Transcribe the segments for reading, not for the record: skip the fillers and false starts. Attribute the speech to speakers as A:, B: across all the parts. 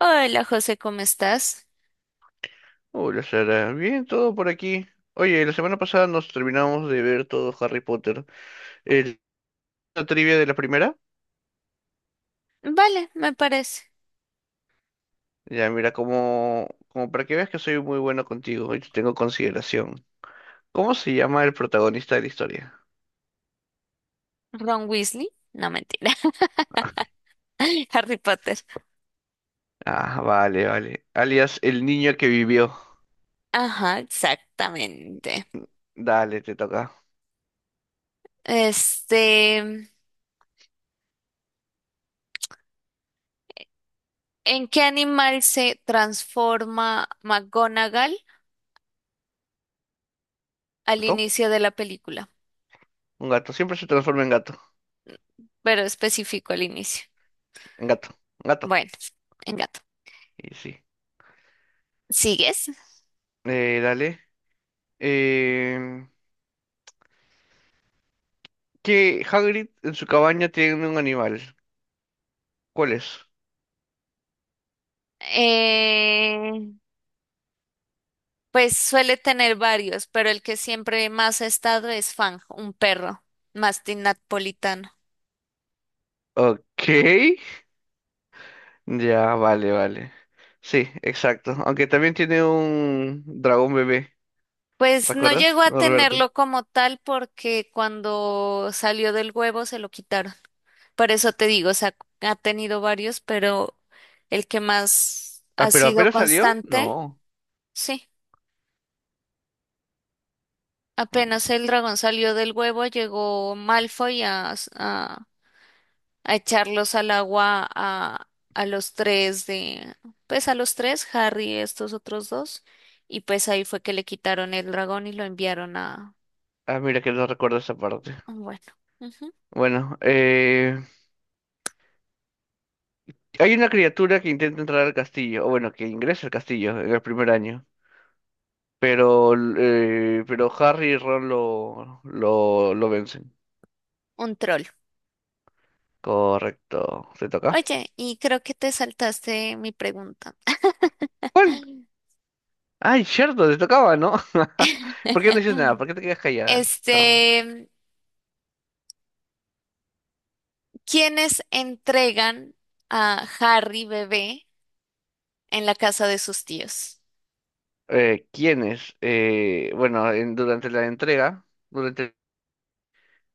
A: Hola José, ¿cómo estás?
B: Hola Sara, bien, todo por aquí. Oye, la semana pasada nos terminamos de ver todo Harry Potter. El, la trivia de la primera.
A: Vale, me parece.
B: Ya, mira, como para que veas que soy muy bueno contigo y te tengo consideración. ¿Cómo se llama el protagonista de la historia?
A: Ron Weasley, no mentira. Harry Potter.
B: Ah, vale, vale. Alias el niño que vivió.
A: Ajá, exactamente.
B: Dale, te toca.
A: Este, ¿En qué animal se transforma McGonagall al
B: ¿Gato?
A: inicio de la película?
B: Un gato. Siempre se transforma en gato.
A: Pero específico al inicio.
B: En gato. En gato.
A: Bueno, en gato.
B: Y sí.
A: ¿Sigues?
B: Dale. Eh, que Hagrid en su cabaña tiene un animal. ¿Cuál es?
A: Eh, pues suele tener varios, pero el que siempre más ha estado es Fang, un perro mastín napolitano.
B: Ok, ya, vale, vale. Sí, exacto. Aunque también tiene un dragón bebé,
A: Pues no
B: ¿recuerdas,
A: llegó a
B: Norberto?
A: tenerlo como tal porque cuando salió del huevo se lo quitaron. Por eso te digo, o sea, ha tenido varios, pero el que más
B: Ah,
A: ha
B: pero
A: sido
B: apenas salió,
A: constante,
B: no.
A: sí. Apenas el dragón salió del huevo, llegó Malfoy a echarlos al agua a los tres de, pues a los tres, Harry, y estos otros dos, y pues ahí fue que le quitaron el dragón y lo enviaron a,
B: Ah, mira que no recuerdo esa parte.
A: bueno, ujú,
B: Bueno, hay una criatura que intenta entrar al castillo, o bueno, que ingresa al castillo en el primer año, pero Harry y Ron lo vencen.
A: un troll.
B: Correcto, ¿te toca?
A: Oye, y creo que te saltaste mi pregunta.
B: ¿Cuál? Ay, cierto, te tocaba, ¿no? ¿Por qué no dices nada? ¿Por qué te quedas callada?
A: Este, ¿quiénes entregan a Harry bebé en la casa de sus tíos?
B: Quiénes, bueno, durante la entrega, durante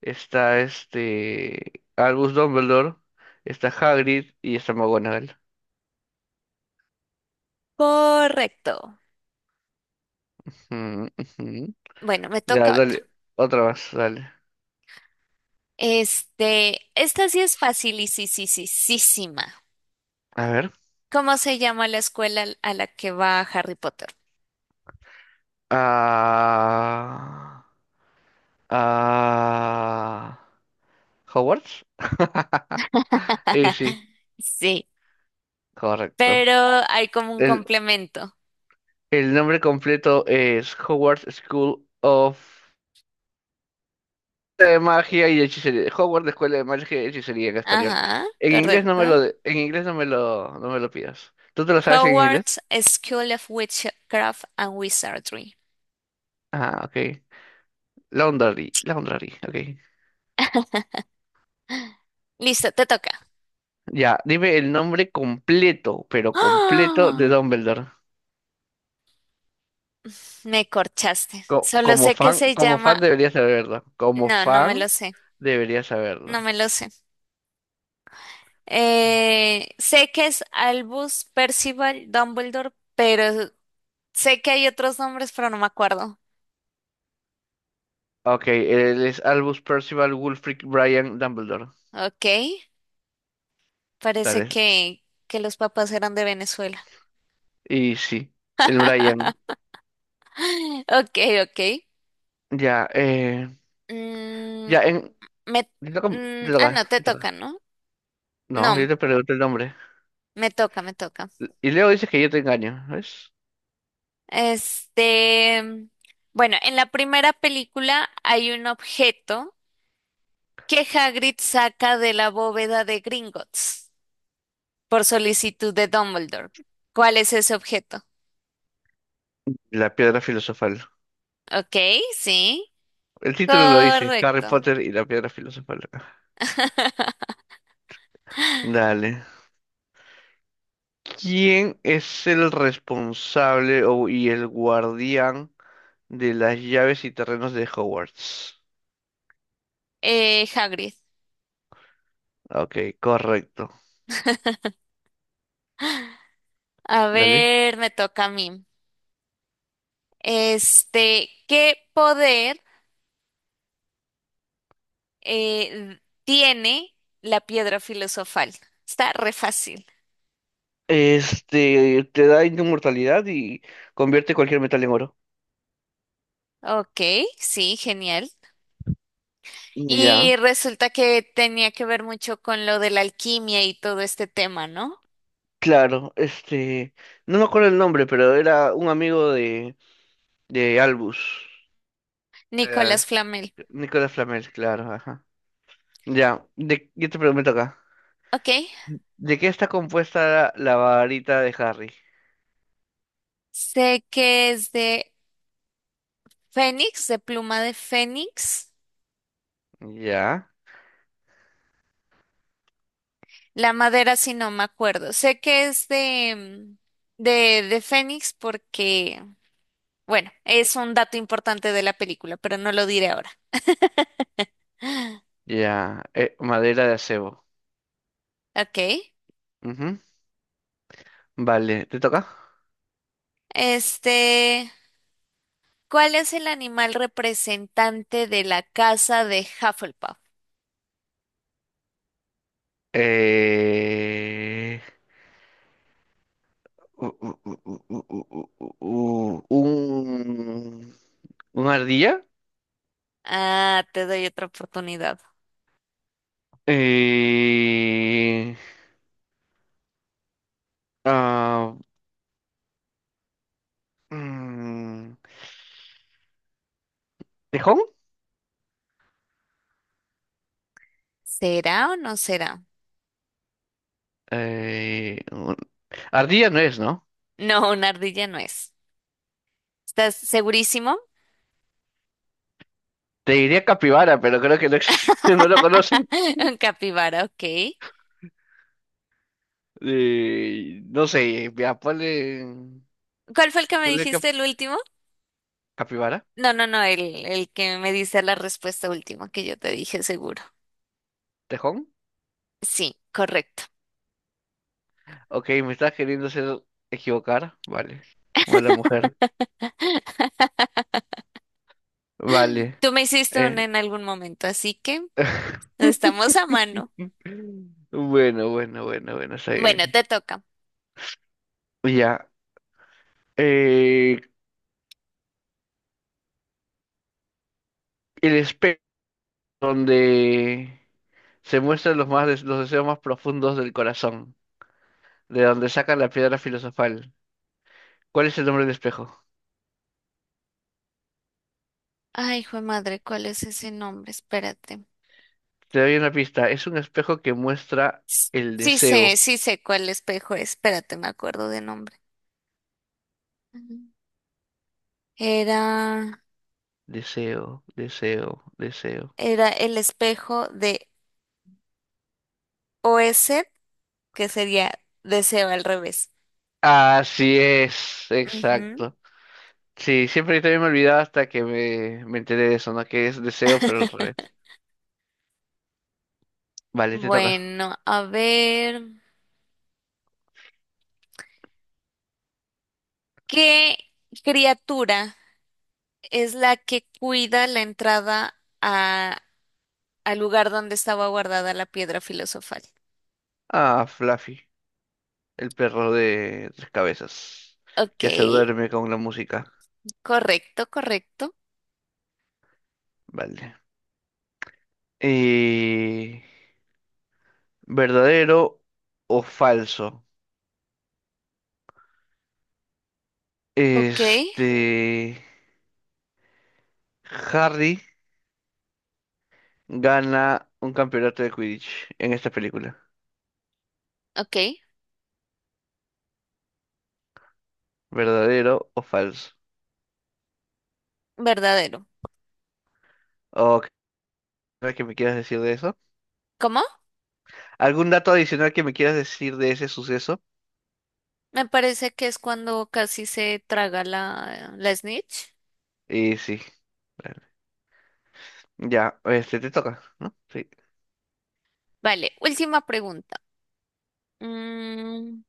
B: está este Albus Dumbledore, está Hagrid y está McGonagall.
A: Correcto.
B: Ujú, ujú.
A: Bueno, me
B: Ya,
A: toca otra.
B: dale, otra más, dale.
A: Esta sí es fácil y sí, sí, sí, sí, sí, ma.
B: A ver.
A: ¿Cómo se llama la escuela a la que va Harry Potter?
B: Ah, ah, Hogwarts. Y sí,
A: Sí,
B: correcto.
A: pero hay como un
B: El,
A: complemento.
B: el nombre completo es Hogwarts School of de magia y hechicería. Hogwarts escuela de magia y hechicería en español.
A: Ajá, correcto.
B: En inglés no me lo, no me lo pidas. ¿Tú te lo sabes en
A: Howard's
B: inglés?
A: School of Witchcraft and Wizardry.
B: Ah, ok. Laundry, Laundry, ok.
A: Listo, te toca.
B: Ya, dime el nombre completo, pero completo de
A: ¡Ah!
B: Dumbledore.
A: Me corchaste.
B: Co-
A: Solo
B: como
A: sé que
B: fan,
A: se
B: como fan
A: llama.
B: deberías saberlo. Como
A: No, no me lo
B: fan
A: sé.
B: deberías saberlo.
A: No me lo sé. Sé que es Albus Percival Dumbledore, pero sé que hay otros nombres, pero no me acuerdo.
B: Ok, él es Albus Percival Wulfric Brian Dumbledore.
A: Ok. Parece
B: Dale.
A: que los papás eran de Venezuela.
B: Y sí, el Brian.
A: Ok, ok.
B: Ya,
A: Mm,
B: ya en.
A: me,
B: Te toca, te
A: no,
B: toca,
A: te
B: te
A: toca,
B: toca.
A: ¿no?
B: No, yo
A: No,
B: te pregunto el nombre.
A: me toca, me toca.
B: Y luego dices que yo te engaño, ¿ves?
A: Este, bueno, en la primera película hay un objeto que Hagrid saca de la bóveda de Gringotts por solicitud de Dumbledore. ¿Cuál es ese objeto?
B: La piedra filosofal.
A: Ok, sí,
B: El título lo dice, Harry
A: correcto.
B: Potter y la piedra filosofal. Dale. ¿Quién es el responsable y el guardián de las llaves y terrenos de Hogwarts?
A: Hagrid.
B: Ok, correcto.
A: A
B: Dale.
A: ver, me toca a mí. ¿Qué poder tiene la piedra filosofal? Está re fácil.
B: Este, te da inmortalidad y convierte cualquier metal en oro.
A: Ok, sí, genial. Y
B: Ya,
A: resulta que tenía que ver mucho con lo de la alquimia y todo este tema, ¿no?
B: claro. Este, no me acuerdo el nombre, pero era un amigo de Albus. Eh,
A: Nicolás Flamel.
B: Nicolas Flamel, claro, ajá. Ya, yo te pregunto acá.
A: Ok.
B: ¿De qué está compuesta la varita de Harry?
A: Sé que es de Fénix, de pluma de Fénix.
B: Ya,
A: La madera si no me acuerdo. Sé que es de, de Fénix porque, bueno, es un dato importante de la película, pero no lo diré ahora.
B: ya. Madera de acebo.
A: Ok.
B: Ujú. Vale, ¿te toca?
A: Este, ¿Cuál es el animal representante de la casa de Hufflepuff?
B: Eh... u- un... ¿Una ardilla?
A: Ah, te doy otra oportunidad.
B: Eh... ah, mm, ¿Tejón?
A: ¿Será o no será?
B: Eh... un- Ardilla no es, ¿no?
A: No, una ardilla no es. ¿Estás segurísimo?
B: Te diría capibara, pero creo que no, no lo conocen.
A: Un capibara, ok.
B: No sé, ya, ponle,
A: ¿Cuál fue el que me
B: ponle
A: dijiste el
B: cap-
A: último?
B: capibara,
A: No, no, no, el que me dice la respuesta última que yo te dije seguro.
B: tejón.
A: Sí, correcto.
B: Ok, me estás queriendo hacer equivocar, vale. O la mujer, vale.
A: Tú me hiciste una
B: eh.
A: en algún momento, así que estamos a mano.
B: Bueno, bueno, bueno, bueno, está
A: Bueno,
B: bien.
A: te toca.
B: Ya. Eh, el espejo donde se muestran los deseos más profundos del corazón, de donde sacan la piedra filosofal. ¿Cuál es el nombre del espejo?
A: Ay, hijo de madre, ¿cuál es ese nombre? Espérate.
B: Te doy una pista. Es un espejo que muestra
A: S-
B: el
A: Sí sé,
B: deseo.
A: sí sé cuál espejo es. Espérate, me acuerdo de nombre. Era,
B: Deseo, deseo, deseo.
A: era el espejo de Oesed, que sería deseo al revés.
B: Así es,
A: Ujú.
B: exacto. Sí, siempre yo también me olvidaba hasta que me enteré de eso, ¿no? Que es deseo, pero al revés. Vale, te toca.
A: Bueno, a ver, ¿qué criatura es la que cuida la entrada al lugar donde estaba guardada la piedra filosofal?
B: Ah, Fluffy, el perro de tres cabezas,
A: Ok,
B: que se duerme con la música.
A: correcto, correcto.
B: Vale. Eh, ¿Verdadero o falso?
A: Ok,
B: Este, Harry. Gana un campeonato de Quidditch en esta película?
A: ok,
B: ¿Verdadero o falso?
A: verdadero.
B: ¿O qué que me quieras decir de eso?
A: ¿Cómo?
B: ¿Algún dato adicional que me quieras decir de ese suceso?
A: Me parece que es cuando casi se traga la snitch.
B: Y sí, claro. Ya, este te toca, ¿no? Sí.
A: Vale, última pregunta. Mm,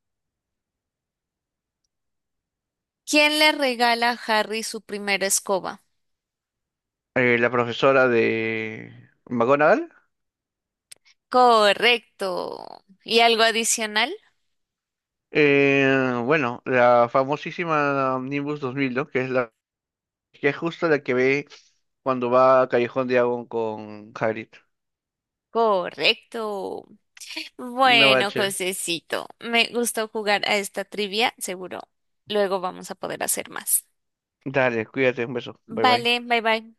A: ¿Quién le regala a Harry su primera escoba?
B: La profesora de McGonagall.
A: Correcto. ¿Y algo adicional?
B: Bueno, la famosísima Nimbus 2000, ¿no? Que es justo la que ve cuando va a Callejón de Agua con Hagrid.
A: Correcto.
B: No
A: Bueno,
B: bache.
A: Josecito, me gustó jugar a esta trivia, seguro luego vamos a poder hacer más.
B: Dale, cuídate, un beso. Bye bye.
A: Vale, bye bye.